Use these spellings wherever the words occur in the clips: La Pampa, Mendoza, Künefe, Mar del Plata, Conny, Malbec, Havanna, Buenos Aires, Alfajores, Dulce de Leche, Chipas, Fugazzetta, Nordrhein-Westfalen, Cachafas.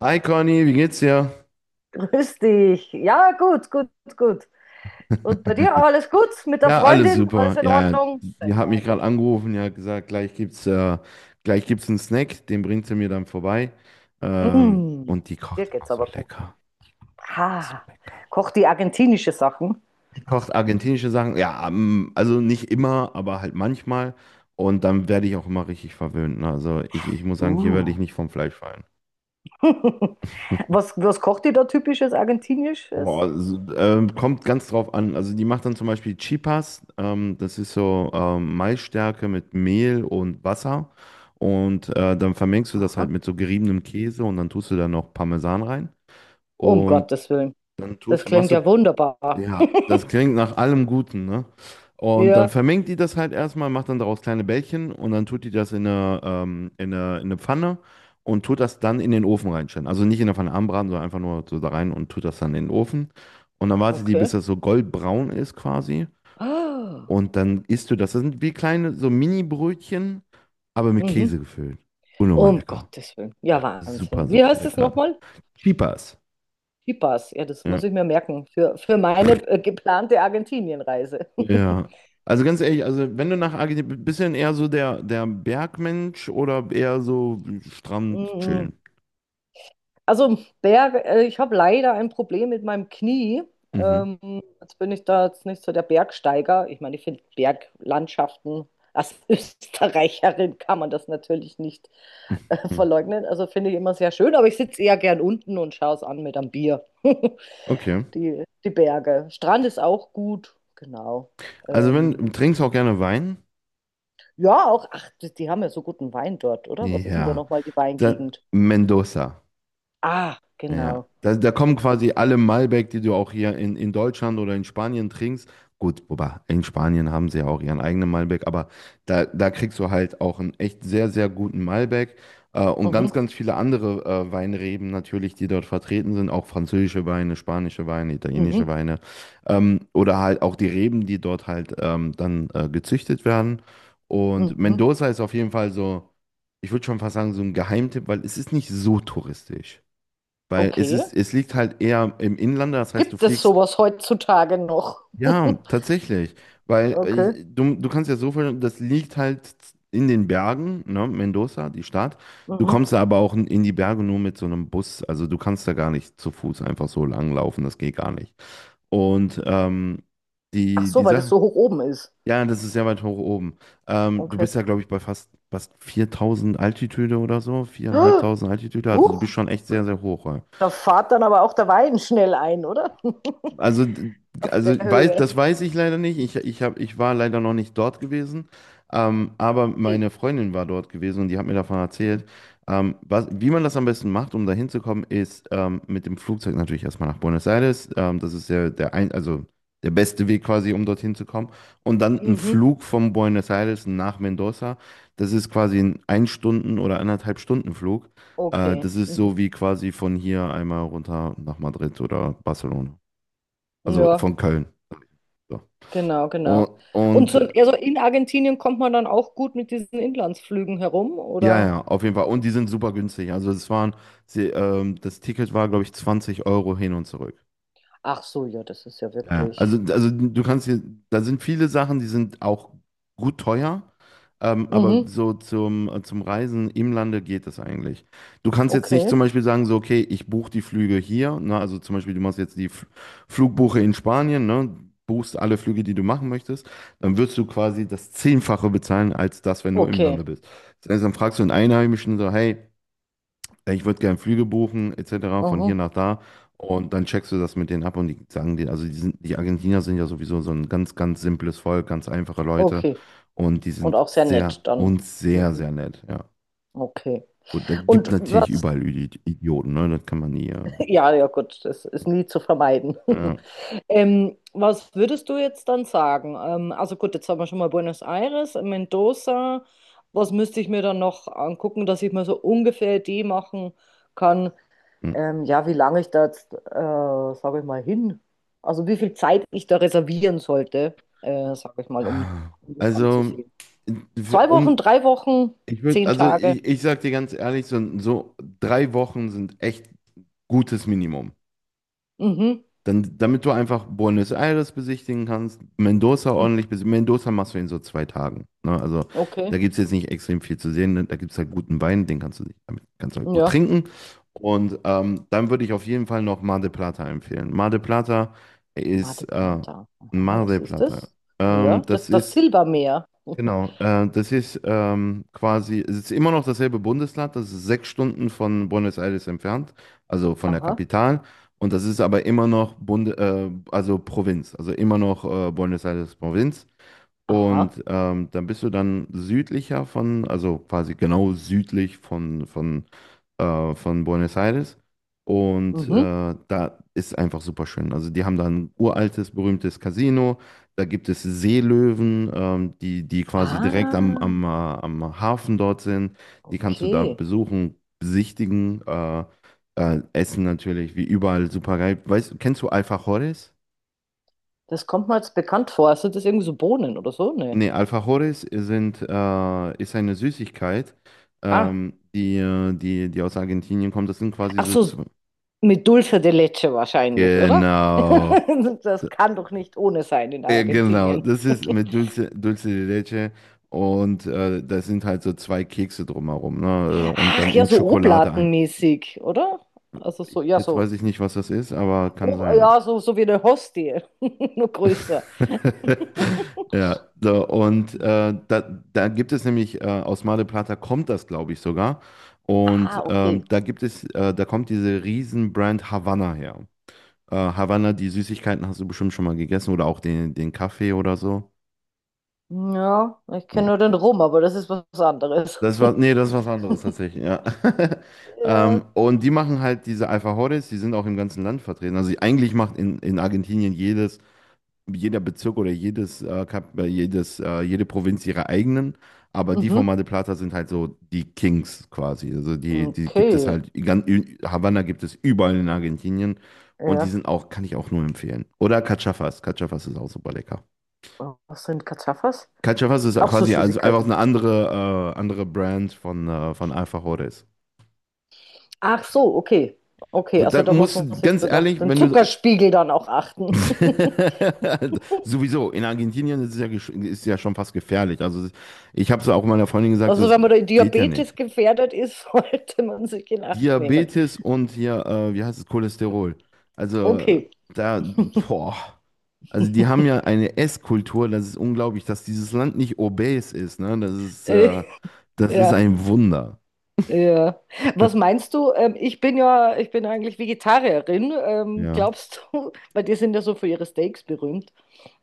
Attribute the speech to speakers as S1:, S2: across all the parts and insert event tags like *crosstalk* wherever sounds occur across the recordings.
S1: Hi Conny, wie geht's dir?
S2: Grüß dich. Ja, gut, gut, gut. Und bei dir alles gut? Mit der
S1: Ja, alles
S2: Freundin? Alles
S1: super.
S2: in
S1: Ja, ja,
S2: Ordnung?
S1: die hat
S2: Sehr
S1: mich gerade
S2: gut.
S1: angerufen, ja, gesagt, gleich gibt's einen Snack, den bringt sie mir dann vorbei.
S2: Mm,
S1: Und die kocht
S2: dir
S1: immer
S2: geht's
S1: so
S2: aber gut.
S1: lecker, so
S2: Ha,
S1: lecker.
S2: kocht die argentinische Sachen?
S1: Die kocht argentinische Sachen, ja, also nicht immer, aber halt manchmal. Und dann werde ich auch immer richtig verwöhnt, ne? Also ich muss sagen, hier werde
S2: Uh.
S1: ich nicht vom Fleisch fallen.
S2: *laughs* Was kocht die da typisches
S1: Boah,
S2: argentinisches?
S1: also, kommt ganz drauf an. Also die macht dann zum Beispiel Chipas. Das ist so, Maisstärke mit Mehl und Wasser. Und dann vermengst du das
S2: Aha.
S1: halt mit so geriebenem Käse und dann tust du da noch Parmesan rein.
S2: Um
S1: Und
S2: Gottes Willen.
S1: dann
S2: Das
S1: machst
S2: klingt
S1: du.
S2: ja wunderbar.
S1: Ja, das
S2: *laughs*
S1: klingt nach allem Guten, ne? Und dann
S2: Ja,
S1: vermengt die das halt erstmal, macht dann daraus kleine Bällchen und dann tut die das in eine Pfanne und tut das dann in den Ofen reinstellen. Also nicht in der Pfanne anbraten, sondern einfach nur so da rein und tut das dann in den Ofen. Und dann wartet die, bis
S2: okay.
S1: das so goldbraun ist quasi.
S2: Ah,
S1: Und dann isst du das. Das sind wie kleine, so Mini-Brötchen, aber mit
S2: mhm.
S1: Käse gefüllt. Unnormal
S2: Um
S1: lecker.
S2: Gottes Willen.
S1: Ja.
S2: Ja,
S1: Super,
S2: Wahnsinn. Wie
S1: super
S2: heißt es
S1: lecker.
S2: nochmal?
S1: Cheapers.
S2: Chipas, ja, das
S1: Ja.
S2: muss ich mir merken für meine geplante Argentinienreise. *laughs*
S1: Ja. Also ganz ehrlich, also wenn du nach Argentinien, bisschen eher so der Bergmensch oder eher so Strand
S2: Mhm.
S1: chillen?
S2: Also, Berg, ich habe leider ein Problem mit meinem Knie.
S1: Mhm.
S2: Ähm, jetzt bin ich da jetzt nicht so der Bergsteiger. Ich meine, ich finde Berglandschaften, als *laughs* Österreicherin kann man das natürlich nicht
S1: Hm.
S2: verleugnen. Also finde ich immer sehr schön, aber ich sitze eher gern unten und schaue es an mit einem Bier. *laughs*
S1: Okay.
S2: Die Berge. Strand ist auch gut, genau.
S1: Also
S2: Ähm,
S1: wenn, trinkst du auch gerne Wein?
S2: Ja, auch, ach, die haben ja so guten Wein dort, oder? Was ist denn da
S1: Ja.
S2: nochmal die
S1: Dann
S2: Weingegend?
S1: Mendoza.
S2: Ah,
S1: Ja,
S2: genau.
S1: da kommen quasi alle Malbec, die du auch hier in Deutschland oder in Spanien trinkst. Gut, wobei in Spanien haben sie ja auch ihren eigenen Malbec, aber da kriegst du halt auch einen echt sehr, sehr guten Malbec, und
S2: Mhm,
S1: ganz, ganz viele andere Weinreben natürlich, die dort vertreten sind, auch französische Weine, spanische Weine, italienische
S2: mhm,
S1: Weine, oder halt auch die Reben, die dort halt dann gezüchtet werden. Und
S2: mhm.
S1: Mendoza ist auf jeden Fall so, ich würde schon fast sagen, so ein Geheimtipp, weil es ist nicht so touristisch. Weil es
S2: Okay.
S1: ist, es liegt halt eher im Inlander, das heißt, du
S2: Gibt es
S1: fliegst.
S2: sowas heutzutage noch?
S1: Ja,
S2: *laughs*
S1: tatsächlich. Weil äh,
S2: Okay.
S1: ich, du, du kannst ja so viel, das liegt halt in den Bergen, ne, Mendoza, die Stadt. Du
S2: Mhm.
S1: kommst da aber auch in die Berge nur mit so einem Bus. Also du kannst da gar nicht zu Fuß einfach so langlaufen, das geht gar nicht. Und
S2: Ach
S1: die,
S2: so,
S1: die
S2: weil das
S1: Sache,
S2: so hoch oben ist.
S1: ja, das ist sehr weit hoch oben. Du
S2: Okay.
S1: bist ja, glaube ich, bei fast 4000 Altitude oder so, 4500 Altitude.
S2: *gasps*
S1: Also du
S2: Huch,
S1: bist schon echt sehr, sehr hoch.
S2: da fährt dann aber auch der Wein schnell ein, oder? *laughs*
S1: Also,
S2: Auf der Höhe.
S1: das weiß ich leider nicht. Ich war leider noch nicht dort gewesen. Aber
S2: Okay.
S1: meine Freundin war dort gewesen und die hat mir davon
S2: Mhm.
S1: erzählt. Wie man das am besten macht, um da hinzukommen, ist mit dem Flugzeug natürlich erstmal nach Buenos Aires. Das ist ja also der beste Weg quasi, um dorthin zu kommen. Und dann ein
S2: Mhm.
S1: Flug von Buenos Aires nach Mendoza. Das ist quasi ein Stunden- oder anderthalb Stunden Flug.
S2: Okay.
S1: Das ist so
S2: Mhm.
S1: wie quasi von hier einmal runter nach Madrid oder Barcelona. Also
S2: Ja,
S1: von Köln. So.
S2: genau, genau.
S1: Und,
S2: Und
S1: und
S2: so,
S1: äh,
S2: also in Argentinien kommt man dann auch gut mit diesen Inlandsflügen herum,
S1: ja,
S2: oder?
S1: ja, auf jeden Fall. Und die sind super günstig. Das Ticket war, glaube ich, 20 Euro hin und zurück.
S2: Ach so, ja, das ist ja
S1: Ja,
S2: wirklich.
S1: also du kannst hier, da sind viele Sachen, die sind auch gut teuer, aber
S2: Mhm.
S1: so zum Reisen im Lande geht das eigentlich. Du kannst jetzt nicht zum
S2: Okay.
S1: Beispiel sagen, so, okay, ich buche die Flüge hier, ne, also zum Beispiel, du machst jetzt Flugbuche in Spanien, ne, buchst alle Flüge, die du machen möchtest, dann wirst du quasi das Zehnfache bezahlen, als das, wenn du im Lande
S2: Okay.
S1: bist. Das heißt, dann fragst du einen Einheimischen so, hey, ey, ich würde gerne Flüge buchen, etc., von hier
S2: Mhm.
S1: nach da. Und dann checkst du das mit denen ab und die sagen dir, also die sind, die Argentinier sind ja sowieso so ein ganz, ganz simples Volk, ganz einfache Leute.
S2: Okay.
S1: Und die
S2: Und
S1: sind
S2: auch sehr nett
S1: sehr,
S2: dann.
S1: uns sehr,
S2: Mhm.
S1: sehr nett, ja.
S2: Okay.
S1: Und da gibt
S2: Und
S1: natürlich
S2: was,
S1: überall Idioten, ne? Das kann man nie.
S2: *laughs* ja, ja gut, das ist nie zu vermeiden.
S1: Ja.
S2: *laughs* Was würdest du jetzt dann sagen? Also gut, jetzt haben wir schon mal Buenos Aires, Mendoza. Was müsste ich mir dann noch angucken, dass ich mir so ungefähr die machen kann.
S1: Hm.
S2: Ja, wie lange ich da jetzt, sage ich mal, hin, also wie viel Zeit ich da reservieren sollte, sage ich mal, um, um das
S1: Also,
S2: anzusehen.
S1: für-
S2: 2 Wochen,
S1: um,
S2: 3 Wochen,
S1: ich würde,
S2: zehn
S1: also
S2: Tage.
S1: ich sag dir ganz ehrlich, so, so 3 Wochen sind echt gutes Minimum.
S2: Mhm,
S1: Dann, damit du einfach Buenos Aires besichtigen kannst, Mendoza
S2: mhm,
S1: ordentlich besichtigen. Mendoza machst du in so 2 Tagen, ne? Also da
S2: okay.
S1: gibt es jetzt nicht extrem viel zu sehen, ne? Da gibt es halt guten Wein, den kannst du, damit kannst du halt gut
S2: Ja.
S1: trinken. Und dann würde ich auf jeden Fall noch Mar del Plata empfehlen.
S2: Mar
S1: Ist
S2: del
S1: äh,
S2: Plata. Aha,
S1: Mar
S2: was
S1: del
S2: ist
S1: Plata.
S2: das? Ja, das
S1: Das
S2: ist das
S1: ist
S2: Silbermeer. *laughs*
S1: genau, das ist quasi, es ist immer noch dasselbe Bundesland, das ist 6 Stunden von Buenos Aires entfernt, also von der
S2: Aha,
S1: Kapital. Und das ist aber immer noch Bund, also Provinz, also immer noch, Buenos Aires Provinz.
S2: aha.
S1: Und dann bist du dann südlicher von, also quasi genau südlich von, von Buenos Aires. Und
S2: Mhm.
S1: da ist einfach super schön. Also die haben da ein uraltes, berühmtes Casino. Da gibt es Seelöwen, die quasi direkt
S2: Ah,
S1: am Hafen dort sind. Die kannst du da
S2: okay.
S1: besuchen, besichtigen, essen natürlich, wie überall super geil. Weißt, kennst du Alfajores?
S2: Das kommt mir jetzt bekannt vor. Sind das irgendwie so Bohnen oder so? Nee.
S1: Nee, Alfajores sind, ist eine Süßigkeit,
S2: Ah,
S1: die aus Argentinien kommt. Das sind quasi
S2: ach
S1: so
S2: so,
S1: zwei.
S2: mit Dulce de Leche wahrscheinlich, oder?
S1: Genau.
S2: *laughs*
S1: D-
S2: Das kann doch nicht ohne sein in
S1: Ja, genau.
S2: Argentinien.
S1: Das ist
S2: *laughs*
S1: mit Dulce de Leche und da sind halt so zwei Kekse drumherum, ne? Und
S2: Ach
S1: dann
S2: ja,
S1: in
S2: so
S1: Schokolade ein.
S2: Oblatenmäßig, oder? Also so, ja,
S1: Jetzt
S2: so.
S1: weiß ich nicht, was das ist, aber kann
S2: Ob,
S1: sein, ne?
S2: ja, so, wie eine Hostie, *laughs* nur größer.
S1: *laughs* Ja, so, und da gibt es nämlich, aus Mar del Plata kommt das, glaube ich, sogar. Und
S2: Ah, okay.
S1: da gibt es, da kommt diese Riesenbrand Havanna her. Havanna, die Süßigkeiten hast du bestimmt schon mal gegessen oder auch den Kaffee oder so.
S2: Ja, ich kenne
S1: Hm.
S2: nur den Rum, aber das ist was anderes.
S1: Das
S2: *laughs*
S1: war, nee, das ist was anderes tatsächlich, ja. *laughs*
S2: Ja.
S1: Und die machen halt diese Alfajores, die sind auch im ganzen Land vertreten. Also eigentlich macht in Argentinien jedes jeder Bezirk oder jede Provinz ihre eigenen, aber die von
S2: Mhm.
S1: Mar del Plata sind halt so die Kings quasi. Also die gibt es
S2: Okay.
S1: halt, Havanna gibt es überall in Argentinien und die
S2: Ja.
S1: sind auch, kann ich auch nur empfehlen. Oder Cachafas, Cachafas ist auch super lecker.
S2: Was sind Cachafas?
S1: Cachafas ist
S2: Auch so
S1: quasi also einfach
S2: Süßigkeiten.
S1: eine andere, andere Brand von Alfajores.
S2: Ach so, okay. Okay, also da
S1: Dann
S2: muss
S1: musst
S2: man
S1: du,
S2: sich
S1: ganz
S2: dann auch
S1: ehrlich,
S2: den
S1: wenn du.
S2: Zuckerspiegel dann auch achten. *laughs*
S1: *laughs* Sowieso, in Argentinien ist es ja, ist ja schon fast gefährlich. Also ich habe es auch meiner Freundin gesagt, so,
S2: Also
S1: das
S2: wenn man da
S1: geht ja
S2: Diabetes
S1: nicht.
S2: gefährdet ist, *laughs* sollte man sich in Acht nehmen.
S1: Diabetes und hier, wie heißt es, Cholesterol. Also
S2: Okay.
S1: da, boah. Also die haben ja eine Esskultur, das ist unglaublich, dass dieses Land nicht obes ist, ne?
S2: *laughs* Äh,
S1: Das ist
S2: ja,
S1: ein Wunder.
S2: ja. Was meinst du? Ich bin eigentlich Vegetarierin.
S1: Ja.
S2: Glaubst du, *laughs* weil die sind ja so für ihre Steaks berühmt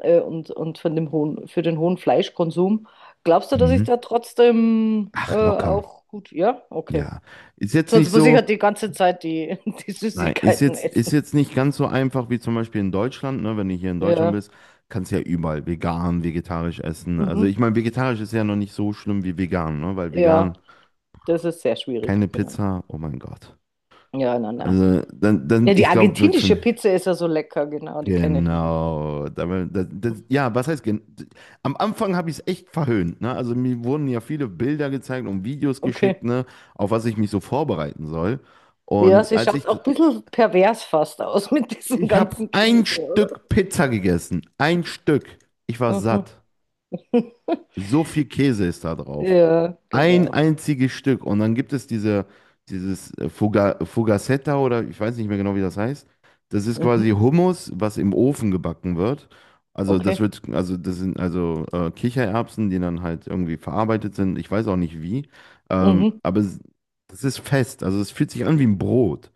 S2: und für den hohen Fleischkonsum. Glaubst du, dass ich
S1: Mhm.
S2: da trotzdem
S1: Ach, locker.
S2: auch gut, ja? Okay.
S1: Ja. Ist jetzt
S2: Sonst
S1: nicht
S2: muss ich halt
S1: so.
S2: die ganze Zeit die, *laughs* die
S1: Nein,
S2: Süßigkeiten
S1: ist
S2: essen.
S1: jetzt nicht ganz so einfach wie zum Beispiel in Deutschland, ne? Wenn du hier in Deutschland
S2: Ja.
S1: bist, kannst du ja überall vegan, vegetarisch essen. Also
S2: Mhm.
S1: ich meine, vegetarisch ist ja noch nicht so schlimm wie vegan, ne? Weil
S2: Ja,
S1: vegan
S2: das ist sehr schwierig,
S1: keine
S2: genau.
S1: Pizza, oh mein Gott.
S2: Ja, nein, nein.
S1: Also dann,
S2: Ja, die
S1: ich glaube, wird für
S2: argentinische
S1: mich.
S2: Pizza ist ja so lecker, genau, die kenne ich nicht.
S1: Genau. Damit, das, ja, was heißt, am Anfang habe ich es echt verhöhnt, ne? Also mir wurden ja viele Bilder gezeigt und Videos geschickt,
S2: Okay.
S1: ne? Auf was ich mich so vorbereiten soll.
S2: Ja,
S1: Und
S2: sie schaut auch ein bisschen pervers fast aus *laughs* mit diesem
S1: ich habe
S2: ganzen
S1: ein
S2: Käse, oder?
S1: Stück Pizza gegessen. Ein Stück. Ich war
S2: Mhm.
S1: satt.
S2: *laughs*
S1: So viel Käse ist da drauf.
S2: Ja,
S1: Ein
S2: genau.
S1: einziges Stück. Und dann gibt es diese, dieses Fugazzetta oder ich weiß nicht mehr genau, wie das heißt. Das ist quasi
S2: Mhm.
S1: Hummus, was im Ofen gebacken wird.
S2: Okay.
S1: Das sind Kichererbsen, die dann halt irgendwie verarbeitet sind. Ich weiß auch nicht wie. Ähm,
S2: Mhm.
S1: aber es, das ist fest. Also es fühlt sich an wie ein Brot.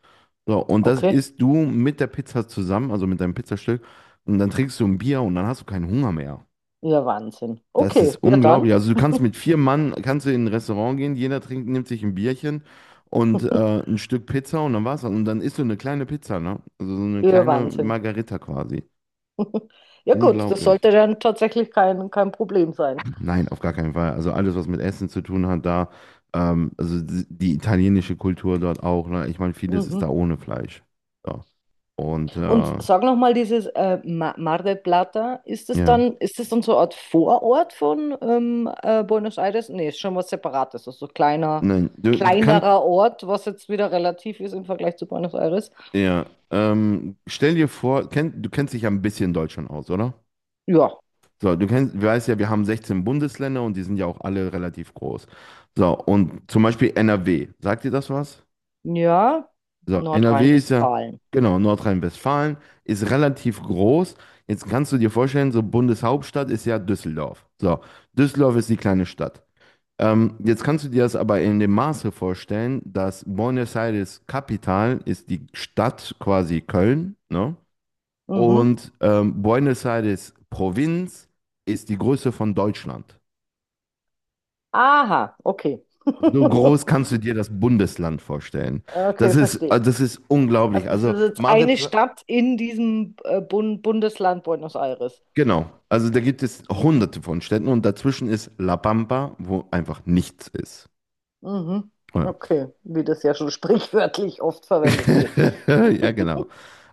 S1: So, und das
S2: Okay.
S1: isst du mit der Pizza zusammen, also mit deinem Pizzastück. Und dann trinkst du ein Bier und dann hast du keinen Hunger mehr.
S2: Ja, Wahnsinn.
S1: Das ist
S2: Okay, ja dann.
S1: unglaublich. Also du kannst mit vier Mann, kannst du in ein Restaurant gehen, jeder trinkt, nimmt sich ein Bierchen und
S2: *laughs*
S1: ein Stück Pizza und dann war's das. Und dann isst du eine kleine Pizza, ne? Also so eine
S2: Ja,
S1: kleine
S2: Wahnsinn.
S1: Margarita quasi.
S2: Ja gut, das sollte
S1: Unglaublich.
S2: dann tatsächlich kein Problem sein.
S1: Nein, auf gar keinen Fall. Also alles, was mit Essen zu tun hat, da, also die italienische Kultur dort auch, ne? Ich meine, vieles ist da
S2: Mhm.
S1: ohne Fleisch. Ja. Und
S2: Und sag noch mal, dieses Mar del Plata, ist das
S1: ja.
S2: dann, ist das dann so eine Art Vorort von Buenos Aires? Nee, ist schon was Separates, also so
S1: Nein,
S2: kleinerer Ort, was jetzt wieder relativ ist im Vergleich zu Buenos Aires.
S1: ja, stell dir vor, du kennst dich ja ein bisschen Deutsch schon aus, oder?
S2: Ja,
S1: So, du kennst, du weißt ja, wir haben 16 Bundesländer und die sind ja auch alle relativ groß. So, und zum Beispiel NRW. Sagt dir das was?
S2: ja,
S1: So, NRW ist ja,
S2: Nordrhein-Westfalen.
S1: genau, Nordrhein-Westfalen ist relativ groß. Jetzt kannst du dir vorstellen, so Bundeshauptstadt ist ja Düsseldorf. So, Düsseldorf ist die kleine Stadt. Jetzt kannst du dir das aber in dem Maße vorstellen, dass Buenos Aires Kapital ist, die Stadt quasi Köln, ne?
S2: Mhm.
S1: Und Buenos Aires Provinz ist die Größe von Deutschland.
S2: Aha, okay.
S1: So groß
S2: *laughs*
S1: kannst du dir das Bundesland vorstellen.
S2: Okay, verstehe.
S1: Das ist
S2: Also
S1: unglaublich.
S2: das
S1: Also
S2: ist jetzt eine Stadt in diesem Bundesland Buenos Aires.
S1: Genau. Also da gibt es
S2: Mhm.
S1: hunderte von Städten und dazwischen ist La Pampa, wo einfach nichts ist.
S2: Mhm.
S1: Oh ja.
S2: Okay, wie das ja schon *laughs* sprichwörtlich oft verwendet wird.
S1: *laughs* Ja, genau.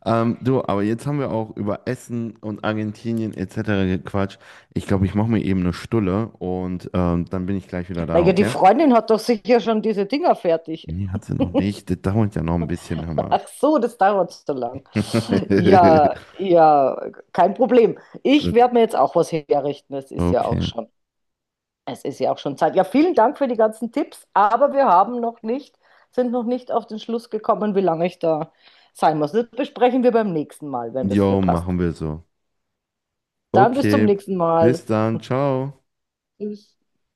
S1: Aber jetzt haben wir auch über Essen und Argentinien etc. gequatscht. Ich glaube, ich mache mir eben eine Stulle und dann bin ich gleich wieder da,
S2: Naja, die
S1: okay?
S2: Freundin hat doch sicher schon diese Dinger fertig.
S1: Nee, hat sie noch nicht. Das dauert ja noch ein bisschen,
S2: *laughs*
S1: Hammer.
S2: Ach so, das dauert so lang. Ja,
S1: *laughs*
S2: ja, kein Problem. Ich
S1: Gut,
S2: werde mir jetzt auch was herrichten. Es ist ja auch
S1: okay.
S2: schon, es ist ja auch schon Zeit. Ja, vielen Dank für die ganzen Tipps, aber wir haben noch nicht, sind noch nicht auf den Schluss gekommen, wie lange ich da sein muss. Das besprechen wir beim nächsten Mal, wenn das dir
S1: Jo,
S2: passt.
S1: machen wir so.
S2: Dann bis zum
S1: Okay,
S2: nächsten Mal.
S1: bis dann, ciao.
S2: Tschüss.